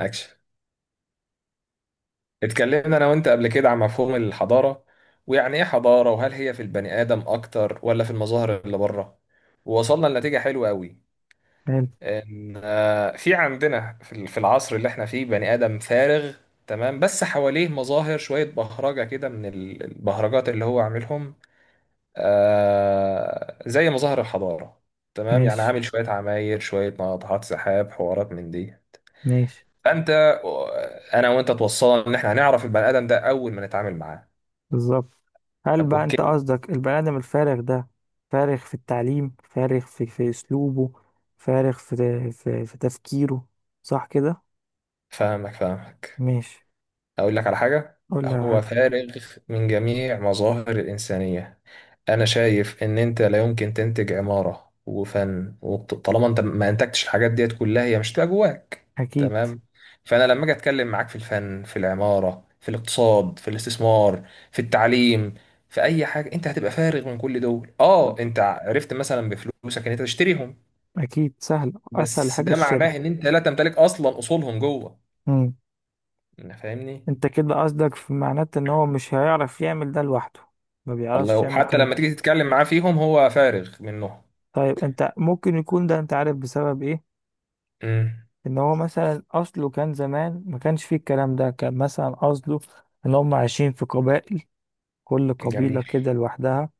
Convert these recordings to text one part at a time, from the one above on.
اكشن. اتكلمنا انا وانت قبل كده عن مفهوم الحضاره، ويعني ايه حضاره، وهل هي في البني ادم اكتر ولا في المظاهر اللي بره. ووصلنا لنتيجه حلوه قوي حلو. ان في عندنا في في العصر اللي احنا فيه بني ادم فارغ. تمام، بس حواليه مظاهر شويه بهرجه كده من البهرجات اللي هو عاملهم. زي مظاهر الحضاره. تمام، يعني ماشي. عامل شويه عماير شويه ناطحات سحاب حوارات من دي. ماشي. فانت انا وانت توصلنا ان احنا هنعرف البني ادم ده اول ما نتعامل معاه. بالظبط. هل طب بقى انت اوكي. قصدك البني ادم الفارغ ده فارغ في التعليم، فارغ في اسلوبه، فارغ في تفكيره؟ صح كده؟ فاهمك. ماشي. أقول لك على حاجة. قول لي على هو حاجه. فارغ من جميع مظاهر الإنسانية. أنا شايف إن أنت لا يمكن تنتج عمارة وفن، وطالما أنت ما أنتجتش الحاجات ديت كلها هي مش هتبقى جواك. اكيد. تمام. فأنا لما أجي أتكلم معاك في الفن، في العمارة، في الاقتصاد، في الاستثمار، في التعليم، في أي حاجة، أنت هتبقى فارغ من كل دول. أه، أنت عرفت مثلا بفلوسك إن أنت تشتريهم، اكيد سهل، اسهل بس حاجه ده الشراء. معناه إن أنت لا تمتلك أصلا أصولهم جوه. امم أنا فاهمني. انت كده قصدك في معناته ان هو مش هيعرف يعمل ده لوحده، ما الله، بيعرفش يعمل وحتى الكلام لما ده. تيجي تتكلم معاه فيهم هو فارغ منهم. طيب انت ممكن يكون ده انت عارف بسبب ايه؟ امم. ان هو مثلا اصله كان زمان ما كانش فيه الكلام ده، كان مثلا اصله ان هم عايشين في قبائل، كل جميل. قبيلة كده لوحدها،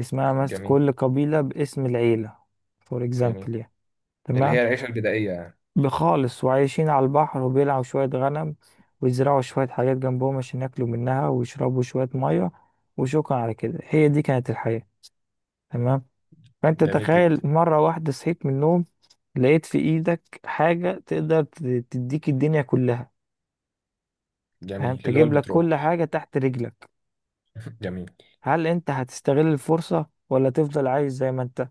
اسمها مثلا جميل. كل قبيلة باسم العيلة، فور جميل اكزامبل يعني. اللي تمام. هي العيشة البدائية يعني. بخالص. وعايشين على البحر وبيلعوا شوية غنم ويزرعوا شوية حاجات جنبهم عشان ياكلوا منها ويشربوا شوية مية، وشكرا على كده، هي دي كانت الحياة. تمام. فانت جميل تخيل جدا. مرة واحدة صحيت من النوم لقيت في ايدك حاجة تقدر تديك الدنيا كلها، فاهم؟ جميل اللي هو تجيب لك البترول. كل حاجة تحت رجلك. جميل. هل انت هتستغل الفرصة ولا تفضل عايش زي ما انت؟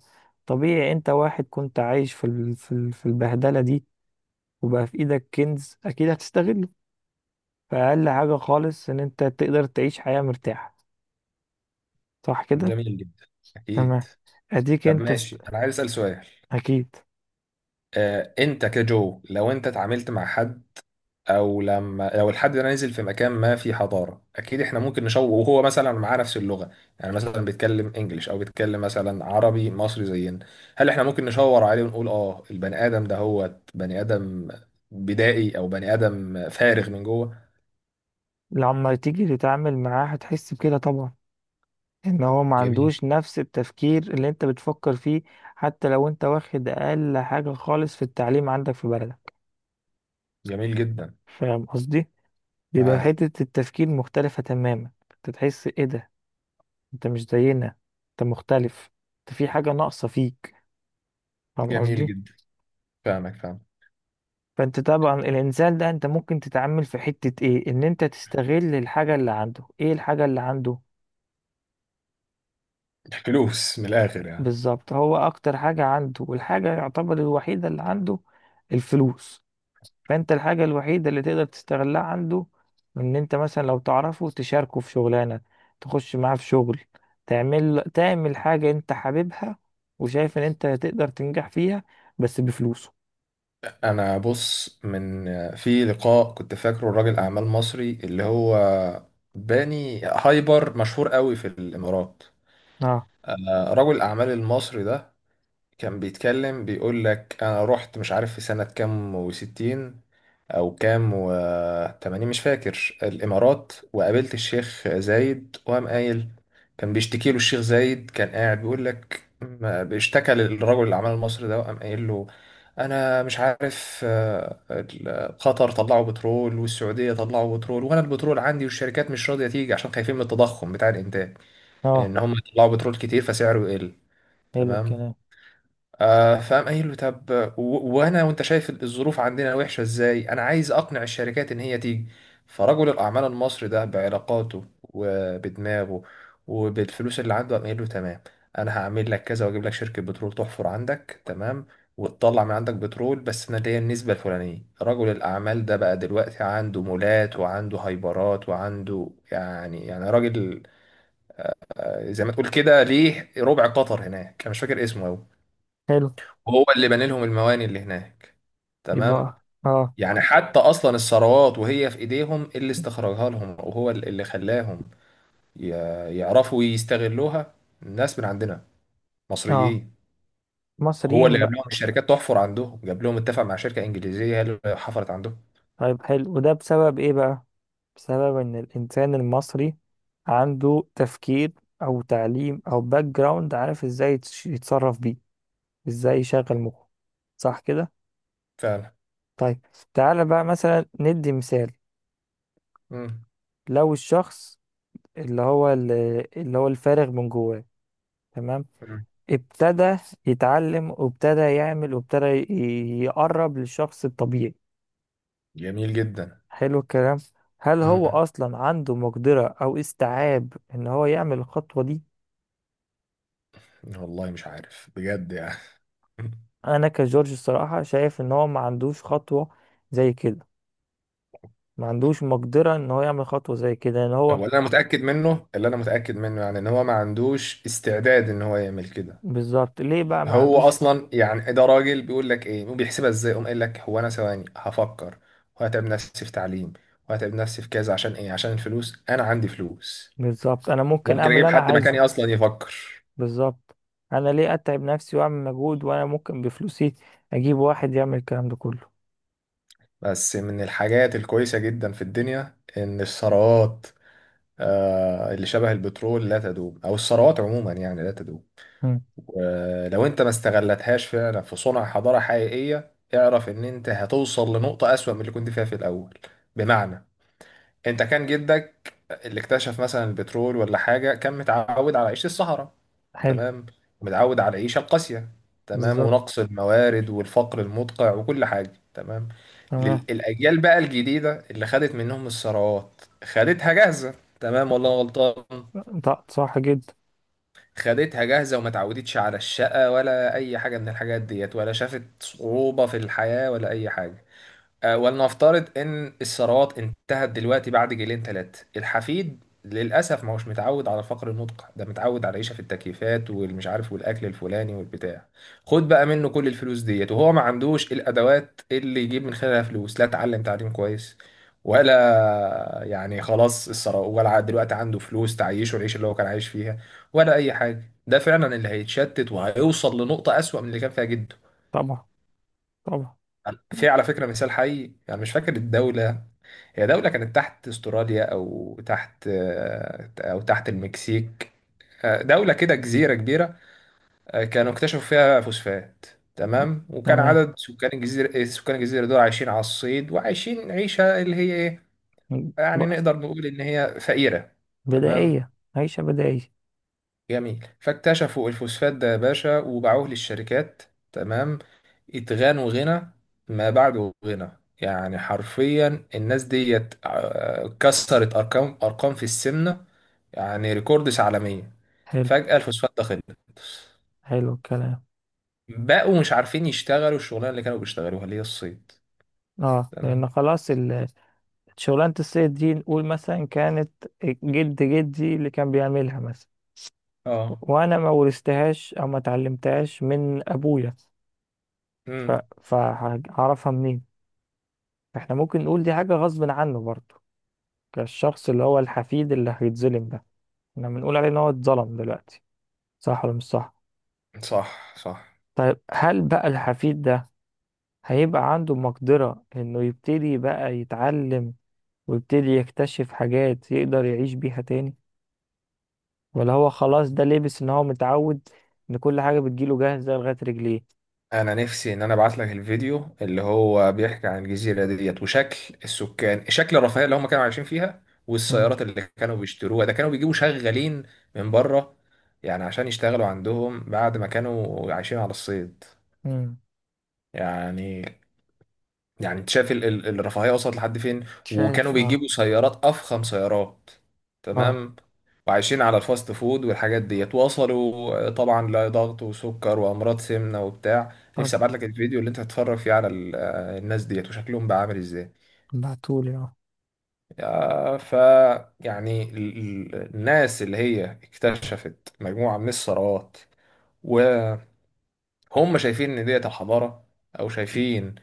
طبيعي انت واحد كنت عايش في البهدلة دي، وبقى في ايدك كنز، اكيد هتستغله. فأقل حاجة خالص ان انت تقدر تعيش حياة مرتاحة، صح كده؟ جميل جدا. أكيد. تمام. اديك طب ماشي، أنا عايز أسأل سؤال. اكيد. أنت كجو لو أنت اتعاملت مع حد، او لما لو الحد ده نزل في مكان ما في حضاره، اكيد احنا ممكن نشوه وهو مثلا معاه نفس اللغه. يعني مثلا بيتكلم انجليش او بيتكلم مثلا عربي مصري زينا، هل احنا ممكن نشاور عليه ونقول اه البني ادم ده هو بني ادم بدائي او بني ادم فارغ من جوه؟ لما تيجي تتعامل معاه هتحس بكده طبعا، ان هو ما جميل. عندوش نفس التفكير اللي انت بتفكر فيه، حتى لو انت واخد اقل حاجة خالص في التعليم عندك في بلدك. جميل جدا. فاهم قصدي؟ بيبقى معاه. حتة التفكير مختلفة تماما. انت تحس ايه ده؟ انت مش زينا، انت مختلف، انت في حاجة ناقصة فيك. فاهم جميل قصدي؟ جدا. فاهمك فاهم. فانت طبعا الانسان ده، انت ممكن تتعامل في حتة ايه؟ ان انت تستغل الحاجة اللي عنده. ايه الحاجة اللي عنده؟ فلوس من الاخر يعني. بالظبط، هو اكتر حاجة عنده والحاجة يعتبر الوحيدة اللي عنده الفلوس. فانت الحاجة الوحيدة اللي تقدر تستغلها عنده ان انت مثلا لو تعرفه تشاركه في شغلانة، تخش معاه في شغل، تعمل حاجة انت حاببها وشايف ان انت تقدر تنجح فيها، بس بفلوسه. انا بص من، في لقاء كنت فاكره راجل اعمال مصري اللي هو باني هايبر مشهور قوي في الامارات. اه. رجل الاعمال المصري ده كان بيتكلم بيقول لك انا رحت مش عارف في سنة كام وستين او كام وتمانين مش فاكر الامارات، وقابلت الشيخ زايد وقام قايل، كان بيشتكي له الشيخ زايد، كان قاعد بيقول لك بيشتكى للرجل اللي عمل المصري ده وقام قايل له، انا مش عارف قطر طلعوا بترول والسعوديه طلعوا بترول، وانا البترول عندي والشركات مش راضيه تيجي عشان خايفين من التضخم بتاع الانتاج، اه. ان هم يطلعوا بترول كتير فسعره يقل. حلو تمام. الكلام. آه، فقام قايل له طب، وانا وانت شايف الظروف عندنا وحشه ازاي، انا عايز اقنع الشركات ان هي تيجي. فرجل الاعمال المصري ده بعلاقاته وبدماغه وبالفلوس اللي عنده قام قايل له تمام، انا هعمل لك كذا واجيب لك شركه بترول تحفر عندك، تمام، وتطلع من عندك بترول، بس انا ليا النسبه الفلانيه. رجل الاعمال ده بقى دلوقتي عنده مولات وعنده هايبرات وعنده يعني راجل زي ما تقول كده ليه ربع قطر هناك، انا مش فاكر اسمه أوي. حلو. وهو اللي بنى لهم المواني اللي هناك. تمام. يبقى اه. يعني حتى اصلا الثروات وهي في ايديهم اللي استخرجها لهم، وهو اللي خلاهم ي- يعرفوا يستغلوها. الناس من عندنا، اه مصريين. هو اللي مصريين جاب لهم بقى. الشركات تحفر عندهم، جاب لهم اتفق مع شركة انجليزية هي اللي حفرت عندهم. طيب حلو، وده بسبب ايه بقى؟ بسبب ان الانسان المصري عنده تفكير او تعليم او باك جراوند، عارف ازاي يتصرف بيه، ازاي يشغل مخه. صح كده؟ فعلا. طيب. تعالى بقى مثلا ندي مثال. مم. لو الشخص اللي هو اللي هو الفارغ من جواه، تمام، مم. ابتدى يتعلم وابتدى يعمل وابتدى يقرب للشخص الطبيعي، جميل جدا. حلو الكلام، هل هو مم. اصلا عنده مقدرة او استيعاب ان هو يعمل الخطوة دي؟ والله مش عارف بجد يعني. انا كجورج الصراحة شايف ان هو ما عندوش خطوة زي كده، ما عندوش مقدرة ان هو يعمل خطوة زي كده، ان هو. هو اللي انا متأكد منه، اللي انا متأكد منه يعني، ان هو ما عندوش استعداد ان هو يعمل كده. بالظبط، ليه بقى ما هو عندوش؟ اصلا يعني ده راجل بيقول لك ايه وبيحسبها ازاي، قام قايل لك هو انا ثواني هفكر وهتعب نفسي في تعليم وهتعب نفسي في كذا عشان ايه؟ عشان الفلوس. انا عندي فلوس، بالظبط، انا ممكن ممكن اعمل اللي اجيب انا حد عايزه. مكاني اصلا يفكر. بالظبط، انا ليه اتعب نفسي واعمل مجهود وانا ممكن بفلوسي اجيب واحد يعمل الكلام ده كله. بس من الحاجات الكويسة جدا في الدنيا ان الثروات اللي شبه البترول لا تدوم، او الثروات عموما يعني لا تدوم. مم. ولو انت ما استغلتهاش فعلا في صنع حضارة حقيقية، اعرف ان انت هتوصل لنقطة اسوأ من اللي كنت فيها في الاول. بمعنى، انت كان جدك اللي اكتشف مثلا البترول ولا حاجه كان متعود على عيشه الصحراء. حلو. تمام. متعود على العيشه القاسيه، تمام، بالظبط. ونقص الموارد والفقر المدقع وكل حاجه. تمام. تمام. الاجيال بقى الجديده اللي خدت منهم الثروات خدتها جاهزه. تمام. والله غلطان. طب صح جدا. خدتها جاهزه وما اتعودتش على الشقه ولا اي حاجه من الحاجات ديت، ولا شافت صعوبه في الحياه ولا اي حاجه. ولنفترض ان الثروات انتهت دلوقتي بعد جيلين ثلاثه، الحفيد للاسف ما هوش متعود على فقر النطق ده، متعود على العيشه في التكييفات والمش عارف والاكل الفلاني والبتاع. خد بقى منه كل الفلوس ديت وهو ما عندوش الادوات اللي يجيب من خلالها فلوس، لا اتعلم تعليم كويس ولا يعني خلاص الثروه دلوقتي عنده فلوس تعيشه العيشه اللي هو كان عايش فيها ولا اي حاجه. ده فعلا اللي هيتشتت وهيوصل لنقطه اسوأ من اللي كان فيها جده. طبعا. طبعا. مم. في على فكرة مثال حي، يعني مش فاكر الدولة، هي دولة كانت تحت استراليا او تحت، او تحت المكسيك، دولة كده جزيرة كبيرة، كانوا اكتشفوا فيها فوسفات. تمام. وكان تمام. عدد سكان الجزيرة، سكان الجزيرة دول عايشين على الصيد وعايشين عيشة اللي هي ايه، يعني بس. نقدر نقول ان هي فقيرة. تمام. بدائية. عيشة بدائية. جميل. فاكتشفوا الفوسفات ده يا باشا وباعوه للشركات. تمام. اتغنوا غنى ما بعده غنى، يعني حرفيا الناس ديت كسرت ارقام ارقام في السمنه، يعني ريكوردس عالميه. حلو. فجأة الفوسفات ده خلص، حلو الكلام. بقوا مش عارفين يشتغلوا الشغلانه اللي كانوا بيشتغلوها اللي هي الصيد. اه تمام. لان خلاص شغلانة الصيد دي نقول مثلا كانت جد جدي اللي كان بيعملها مثلا، اه. وانا ما ورثتهاش او ما اتعلمتهاش من ابويا، ف... امم. فهعرفها منين؟ احنا ممكن نقول دي حاجة غصب عنه برضه، كالشخص اللي هو الحفيد اللي هيتظلم ده، احنا بنقول عليه ان هو اتظلم دلوقتي، صح ولا مش صح؟ صح صح. طيب هل بقى الحفيد ده هيبقى عنده مقدرة انه يبتدي بقى يتعلم ويبتدي يكتشف حاجات يقدر يعيش بيها تاني؟ ولا هو خلاص ده لبس ان هو متعود ان كل حاجة بتجيله جاهزة لغاية رجليه؟ انا نفسي ان انا ابعت لك الفيديو اللي هو بيحكي عن الجزيره ديت وشكل السكان، شكل الرفاهيه اللي هم كانوا عايشين فيها مم. والسيارات اللي كانوا بيشتروها. ده كانوا بيجيبوا شغالين من بره يعني عشان يشتغلوا عندهم بعد ما كانوا عايشين على الصيد. مم. يعني، يعني انت شايف الرفاهيه وصلت لحد فين، وكانوا شايف. اه. بيجيبوا سيارات افخم سيارات. اه. تمام. وعايشين على الفاست فود والحاجات ديت، وصلوا طبعا لضغط وسكر وامراض سمنه وبتاع. نفسي طبعا. ابعت لك الفيديو اللي انت هتتفرج فيه على الناس ديت وشكلهم بقى عامل ازاي. بعتولي اه. آه، ف يعني الناس اللي هي اكتشفت مجموعه من الثروات هم شايفين ان ديت الحضاره، او شايفين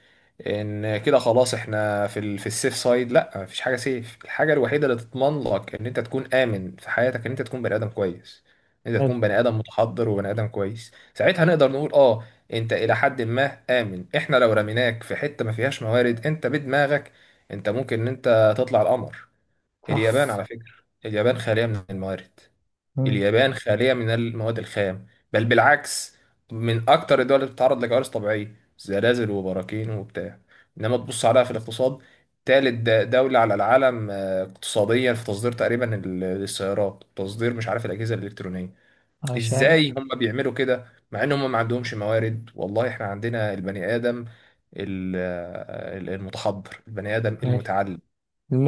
ان كده خلاص احنا في في السيف سايد. لا، مفيش حاجه سيف. الحاجه الوحيده اللي تضمن لك ان انت تكون امن في حياتك ان انت تكون بني ادم كويس، ان انت حلو. تكون بني ادم متحضر وبني ادم كويس، ساعتها نقدر نقول اه انت الى حد ما امن. احنا لو رميناك في حته ما فيهاش موارد انت بدماغك انت ممكن ان انت تطلع القمر. صح. اليابان على فكره، اليابان خاليه من الموارد، مم. اليابان خالية من المواد الخام، بل بالعكس من أكتر الدول اللي بتتعرض لكوارث طبيعية زلازل وبراكين وبتاع. إنما تبص عليها في الاقتصاد، تالت دولة على العالم اقتصاديا في تصدير تقريبا السيارات، تصدير مش عارف الأجهزة الإلكترونية. عشان. إزاي هم بيعملوا كده مع إن هم ما عندهمش موارد؟ والله إحنا عندنا البني آدم، المتحضر، البني آدم ماشي. المتعلم،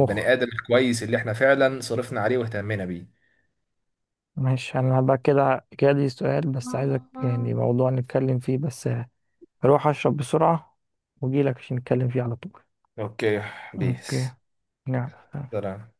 البني آدم الكويس اللي إحنا فعلا صرفنا عليه واهتمينا بيه. ماشي، انا بقى كده كده دي سؤال بس عايزك يعني موضوع نتكلم فيه بس. هروح اشرب بسرعة واجيلك عشان نتكلم فيه على طول. اوكي يا اوكي. بيس. نعم. سلام.